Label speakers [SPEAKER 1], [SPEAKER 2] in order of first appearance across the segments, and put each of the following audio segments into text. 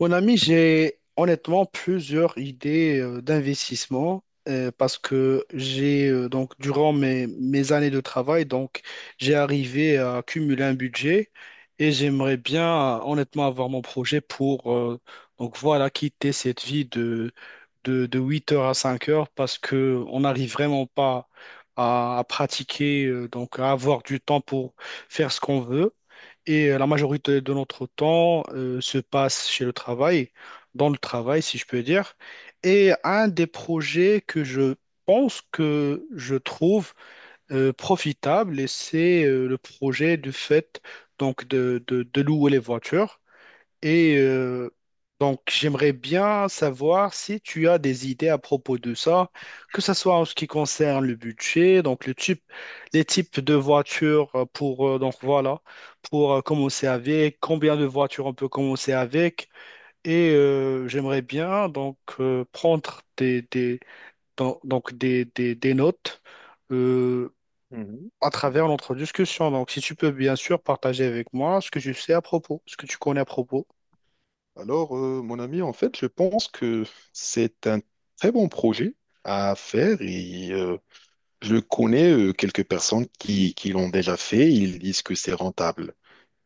[SPEAKER 1] Mon ami, j'ai honnêtement plusieurs idées d'investissement parce que j'ai donc durant mes années de travail, donc j'ai arrivé à accumuler un budget et j'aimerais bien honnêtement avoir mon projet pour donc voilà quitter cette vie de 8h à 5 heures parce que on n'arrive vraiment pas à pratiquer, donc à avoir du temps pour faire ce qu'on veut. Et la majorité de notre temps se passe chez le travail, dans le travail, si je peux dire. Et un des projets que je pense que je trouve profitable, et c'est le projet du fait donc de louer les voitures. Et donc, j'aimerais bien savoir si tu as des idées à propos de ça, que ce soit en ce qui concerne le budget, donc le type, les types de voitures pour, donc voilà, pour commencer avec, combien de voitures on peut commencer avec. Et j'aimerais bien donc prendre des, donc des notes euh,
[SPEAKER 2] Mhm.
[SPEAKER 1] à
[SPEAKER 2] Mhm.
[SPEAKER 1] travers notre discussion. Donc, si tu peux bien sûr partager avec moi ce que tu sais à propos, ce que tu connais à propos.
[SPEAKER 2] Alors, mon ami, en fait, je pense que c'est un très bon projet à faire. Et je connais quelques personnes qui l'ont déjà fait. Ils disent que c'est rentable.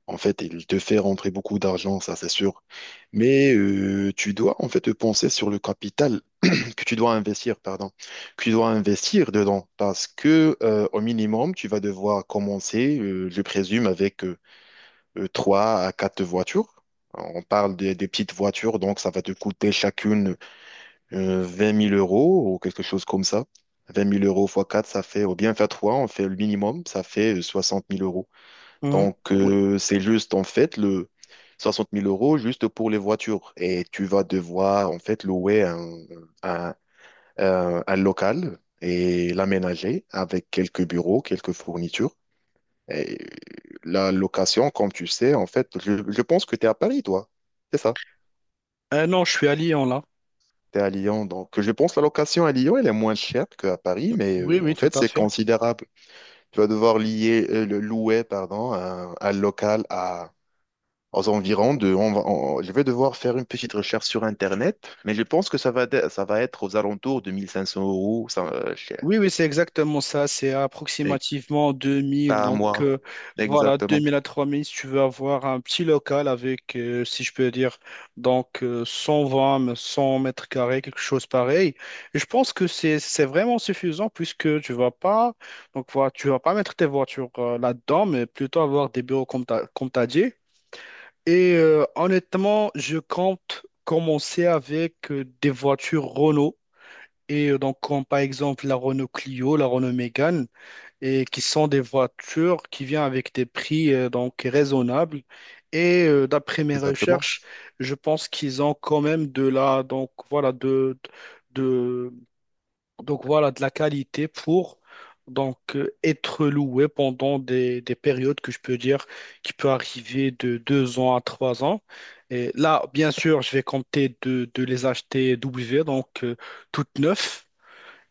[SPEAKER 2] En fait, il te fait rentrer beaucoup d'argent, ça c'est sûr. Mais tu dois en fait penser sur le capital que tu dois investir, pardon, que tu dois investir dedans parce que au minimum, tu vas devoir commencer, je présume, avec trois à quatre voitures. On parle des petites voitures, donc ça va te coûter chacune 20 000 euros ou quelque chose comme ça. 20 000 euros fois 4 ça fait, ou bien faire 3 on fait le minimum, ça fait 60 000 euros.
[SPEAKER 1] Mhm.
[SPEAKER 2] Donc
[SPEAKER 1] Oui.
[SPEAKER 2] c'est juste en fait le 60 000 euros juste pour les voitures. Et tu vas devoir en fait louer un, un local et l'aménager avec quelques bureaux, quelques fournitures. Et la location, comme tu sais, en fait, je pense que tu es à Paris, toi. C'est ça.
[SPEAKER 1] Non, je suis à Lyon là.
[SPEAKER 2] Tu es à Lyon. Donc, je pense que la location à Lyon, elle est moins chère qu'à Paris, mais
[SPEAKER 1] Oui, oui,
[SPEAKER 2] en
[SPEAKER 1] tout
[SPEAKER 2] fait,
[SPEAKER 1] à
[SPEAKER 2] c'est
[SPEAKER 1] fait.
[SPEAKER 2] considérable. Tu vas devoir lier, le louer, pardon, un local à, aux environs de. Je vais devoir faire une petite recherche sur Internet, mais je pense que ça va, ça va être aux alentours de 1 500 euros, ça, cher.
[SPEAKER 1] Oui, oui, c'est exactement ça. C'est
[SPEAKER 2] Et-
[SPEAKER 1] approximativement 2 000.
[SPEAKER 2] Par
[SPEAKER 1] Donc,
[SPEAKER 2] mois.
[SPEAKER 1] voilà, deux
[SPEAKER 2] Exactement.
[SPEAKER 1] mille à 3000 si tu veux avoir un petit local avec, si je peux dire, donc 120, mais 100 mètres carrés, quelque chose pareil. Et je pense que c'est vraiment suffisant puisque tu vas pas, donc voilà, tu vas pas mettre tes voitures là-dedans, mais plutôt avoir des bureaux comme t'as dit. Et honnêtement, je compte commencer avec des voitures Renault. Et donc, comme par exemple la Renault Clio, la Renault Mégane, et qui sont des voitures qui viennent avec des prix donc raisonnables. Et d'après mes
[SPEAKER 2] Exactement.
[SPEAKER 1] recherches, je pense qu'ils ont quand même de la donc voilà de donc voilà de la qualité pour donc être loués pendant des périodes que je peux dire qui peut arriver de 2 ans à 3 ans. Et là, bien sûr, je vais compter de les acheter W, donc toutes neuves.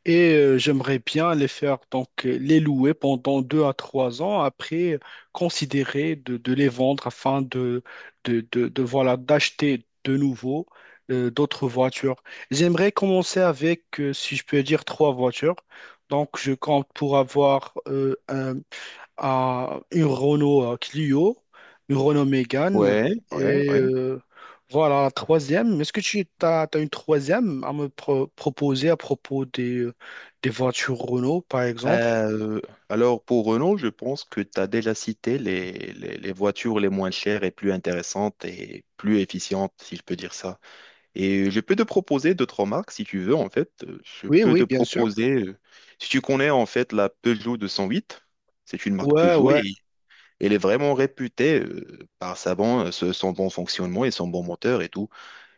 [SPEAKER 1] Et j'aimerais bien les faire, donc les louer pendant 2 à 3 ans, après considérer de les vendre afin de, voilà, d'acheter de nouveau d'autres voitures. J'aimerais commencer avec, si je peux dire, trois voitures. Donc je compte pour avoir un, à une Renault Clio, une Renault Mégane
[SPEAKER 2] Ouais, ouais,
[SPEAKER 1] et
[SPEAKER 2] ouais.
[SPEAKER 1] voilà la troisième. Est-ce que tu as, une troisième à me proposer à propos des voitures Renault par exemple?
[SPEAKER 2] Euh, alors pour Renault, je pense que tu as déjà cité les voitures les moins chères et plus intéressantes et plus efficientes, si je peux dire ça. Et je peux te proposer d'autres marques si tu veux, en fait. Je
[SPEAKER 1] Oui,
[SPEAKER 2] peux te
[SPEAKER 1] oui, bien sûr.
[SPEAKER 2] proposer, si tu connais en fait la Peugeot 208. C'est une marque
[SPEAKER 1] Ouais,
[SPEAKER 2] Peugeot
[SPEAKER 1] ouais.
[SPEAKER 2] et elle est vraiment réputée par sa bon, son bon fonctionnement et son bon moteur et tout.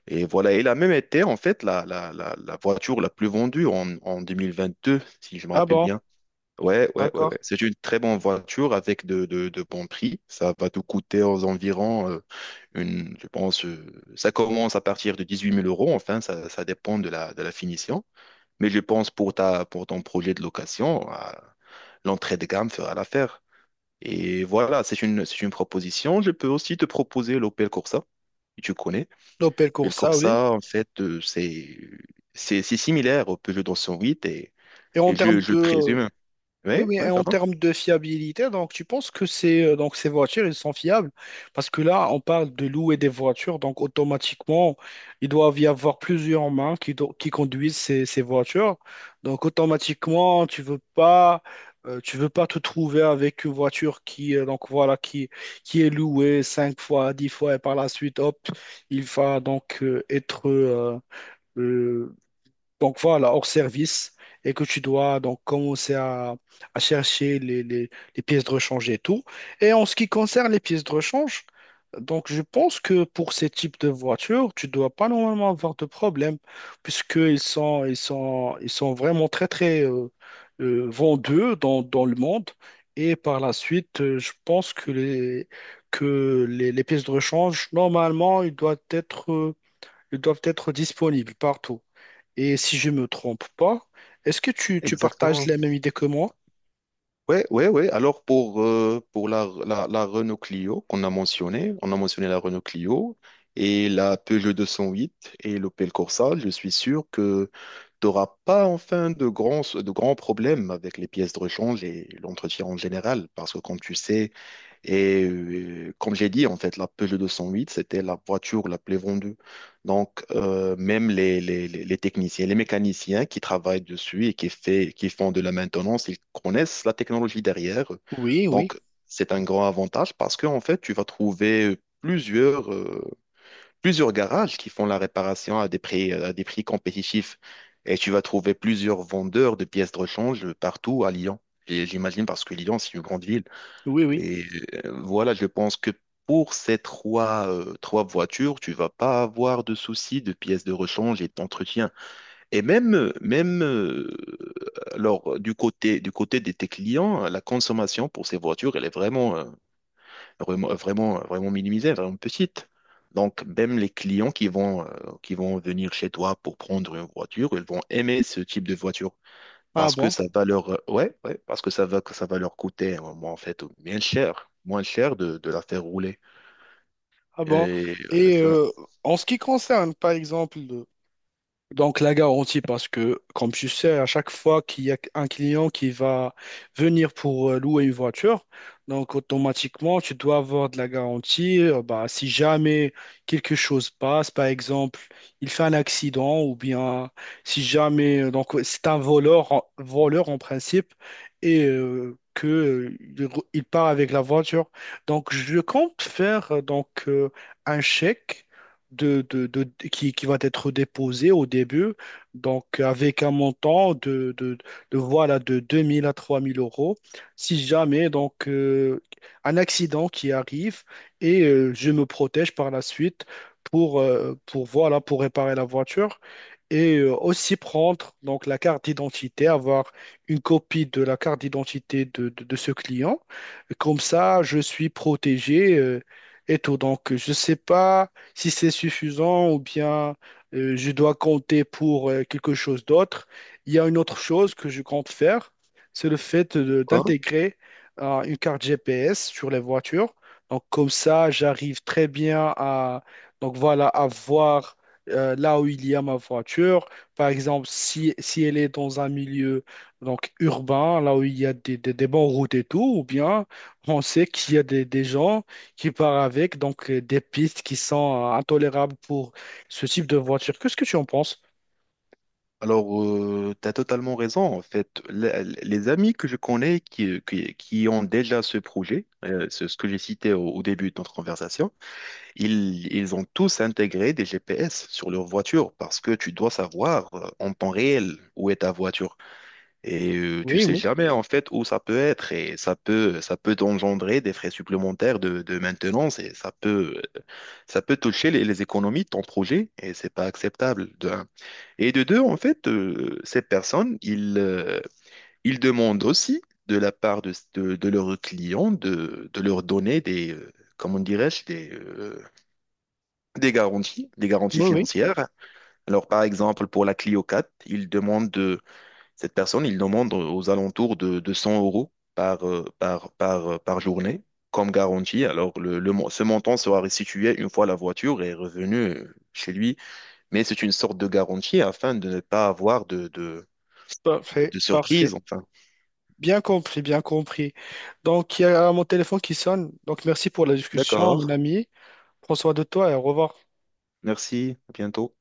[SPEAKER 2] Et voilà, elle a même été en fait la voiture la plus vendue en 2022, si je me
[SPEAKER 1] Ah
[SPEAKER 2] rappelle
[SPEAKER 1] bon,
[SPEAKER 2] bien. Ouais, ouais, ouais, ouais.
[SPEAKER 1] d'accord.
[SPEAKER 2] C'est une très bonne voiture avec de bons prix. Ça va te coûter aux environs, une, je pense, ça commence à partir de 18 000 euros. Enfin, ça dépend de la finition. Mais je pense pour ton projet de location, l'entrée de gamme fera l'affaire. Et voilà, c'est une proposition. Je peux aussi te proposer l'Opel Corsa que tu connais.
[SPEAKER 1] L'Opel
[SPEAKER 2] Mais le
[SPEAKER 1] Corsa, oui.
[SPEAKER 2] Corsa, en fait, c'est similaire au Peugeot 208
[SPEAKER 1] Et en
[SPEAKER 2] et
[SPEAKER 1] termes
[SPEAKER 2] je
[SPEAKER 1] de.
[SPEAKER 2] présume.
[SPEAKER 1] Oui,
[SPEAKER 2] Oui,
[SPEAKER 1] oui, et
[SPEAKER 2] oui,
[SPEAKER 1] en
[SPEAKER 2] pardon.
[SPEAKER 1] termes de fiabilité, donc tu penses que ces voitures, elles sont fiables? Parce que là, on parle de louer des voitures, donc automatiquement, il doit y avoir plusieurs mains qui conduisent ces voitures. Donc automatiquement, tu veux pas te trouver avec une voiture qui, donc voilà, qui est louée 5 fois, 10 fois, et par la suite, hop, il va donc être, euh, donc voilà, hors service, et que tu dois donc commencer à chercher les pièces de rechange et tout. Et en ce qui concerne les pièces de rechange, donc je pense que pour ces types de voitures, tu ne dois pas normalement avoir de problème, puisqu'ils sont vraiment très, très vendus dans le monde. Et par la suite, je pense que les pièces de rechange, normalement, ils doivent être disponibles partout. Et si je me trompe pas, est-ce que tu partages
[SPEAKER 2] Exactement.
[SPEAKER 1] la même idée que moi?
[SPEAKER 2] Ouais, ouais, ouais. Alors pour la Renault Clio qu'on a mentionné, on a mentionné la Renault Clio et la Peugeot 208 et l'Opel Corsa. Je suis sûr que tu n'auras pas enfin de grands problèmes avec les pièces de rechange et l'entretien en général parce que comme tu sais. Et comme j'ai dit, en fait, la Peugeot 208, c'était la voiture la plus vendue. Donc, même les techniciens, les mécaniciens qui travaillent dessus et qui font de la maintenance, ils connaissent la technologie derrière.
[SPEAKER 1] Oui, oui,
[SPEAKER 2] Donc, c'est un grand avantage parce que, en fait, tu vas trouver plusieurs, plusieurs garages qui font la réparation à des prix compétitifs. Et tu vas trouver plusieurs vendeurs de pièces de rechange partout à Lyon. Et j'imagine parce que Lyon, c'est une grande ville.
[SPEAKER 1] oui, oui.
[SPEAKER 2] Et voilà, je pense que pour ces trois, trois voitures, tu vas pas avoir de soucis de pièces de rechange et d'entretien. Et même, alors, du côté de tes clients, la consommation pour ces voitures, elle est vraiment, vraiment minimisée, vraiment petite. Donc, même les clients qui vont venir chez toi pour prendre une voiture, ils vont aimer ce type de voiture.
[SPEAKER 1] Ah
[SPEAKER 2] Parce que
[SPEAKER 1] bon,
[SPEAKER 2] ça va leur, ouais, ouais, parce que ça va leur coûter, en fait, moins cher de la faire rouler.
[SPEAKER 1] ah
[SPEAKER 2] Et
[SPEAKER 1] bon.
[SPEAKER 2] euh,
[SPEAKER 1] Et
[SPEAKER 2] ça-
[SPEAKER 1] en ce qui concerne, par exemple, donc, la garantie, parce que, comme tu sais, à chaque fois qu'il y a un client qui va venir pour louer une voiture, donc automatiquement, tu dois avoir de la garantie. Bah, si jamais quelque chose passe, par exemple, il fait un accident, ou bien si jamais, donc c'est un voleur, voleur en principe, et que il part avec la voiture. Donc, je compte faire donc un chèque qui va être déposé au début, donc avec un montant de, voilà, de 2 000 à 3 000 euros. Si jamais donc, un accident qui arrive et je me protège par la suite pour, voilà, pour réparer la voiture et aussi prendre donc, la carte d'identité, avoir une copie de la carte d'identité de ce client. Comme ça, je suis protégé. Et tout. Donc, je ne sais pas si c'est suffisant ou bien je dois compter pour quelque chose d'autre. Il y a une autre chose que je compte faire, c'est le fait
[SPEAKER 2] quoi?
[SPEAKER 1] d'intégrer une carte GPS sur les voitures. Donc comme ça, j'arrive très bien à voir là où il y a ma voiture. Par exemple, si elle est dans un milieu donc, urbain, là où il y a des bonnes routes et tout, ou bien on sait qu'il y a des gens qui part avec, donc des pistes qui sont intolérables pour ce type de voiture. Qu'est-ce que tu en penses?
[SPEAKER 2] Alors, tu as totalement raison, en fait. Les amis que je connais qui ont déjà ce projet, ce que j'ai cité au début de notre conversation, ils ont tous intégré des GPS sur leur voiture parce que tu dois savoir en temps réel où est ta voiture. Et tu
[SPEAKER 1] Oui,
[SPEAKER 2] sais
[SPEAKER 1] oui,
[SPEAKER 2] jamais en fait où ça peut être et ça peut engendrer des frais supplémentaires de maintenance et ça peut toucher les économies de ton projet et c'est pas acceptable de un. Et de deux en fait ces personnes ils demandent aussi de la part de leurs clients de leur donner des comment dirais-je des
[SPEAKER 1] oui,
[SPEAKER 2] garanties
[SPEAKER 1] oui.
[SPEAKER 2] financières. Alors par exemple pour la Clio 4 ils demandent cette personne, il demande aux alentours de 100 euros par, par journée comme garantie. Alors, ce montant sera restitué une fois la voiture est revenue chez lui, mais c'est une sorte de garantie afin de ne pas avoir
[SPEAKER 1] Parfait,
[SPEAKER 2] de
[SPEAKER 1] parfait.
[SPEAKER 2] surprise, enfin.
[SPEAKER 1] Bien compris, bien compris. Donc, il y a mon téléphone qui sonne. Donc, merci pour la discussion,
[SPEAKER 2] D'accord.
[SPEAKER 1] mon ami. Prends soin de toi et au revoir.
[SPEAKER 2] Merci. À bientôt.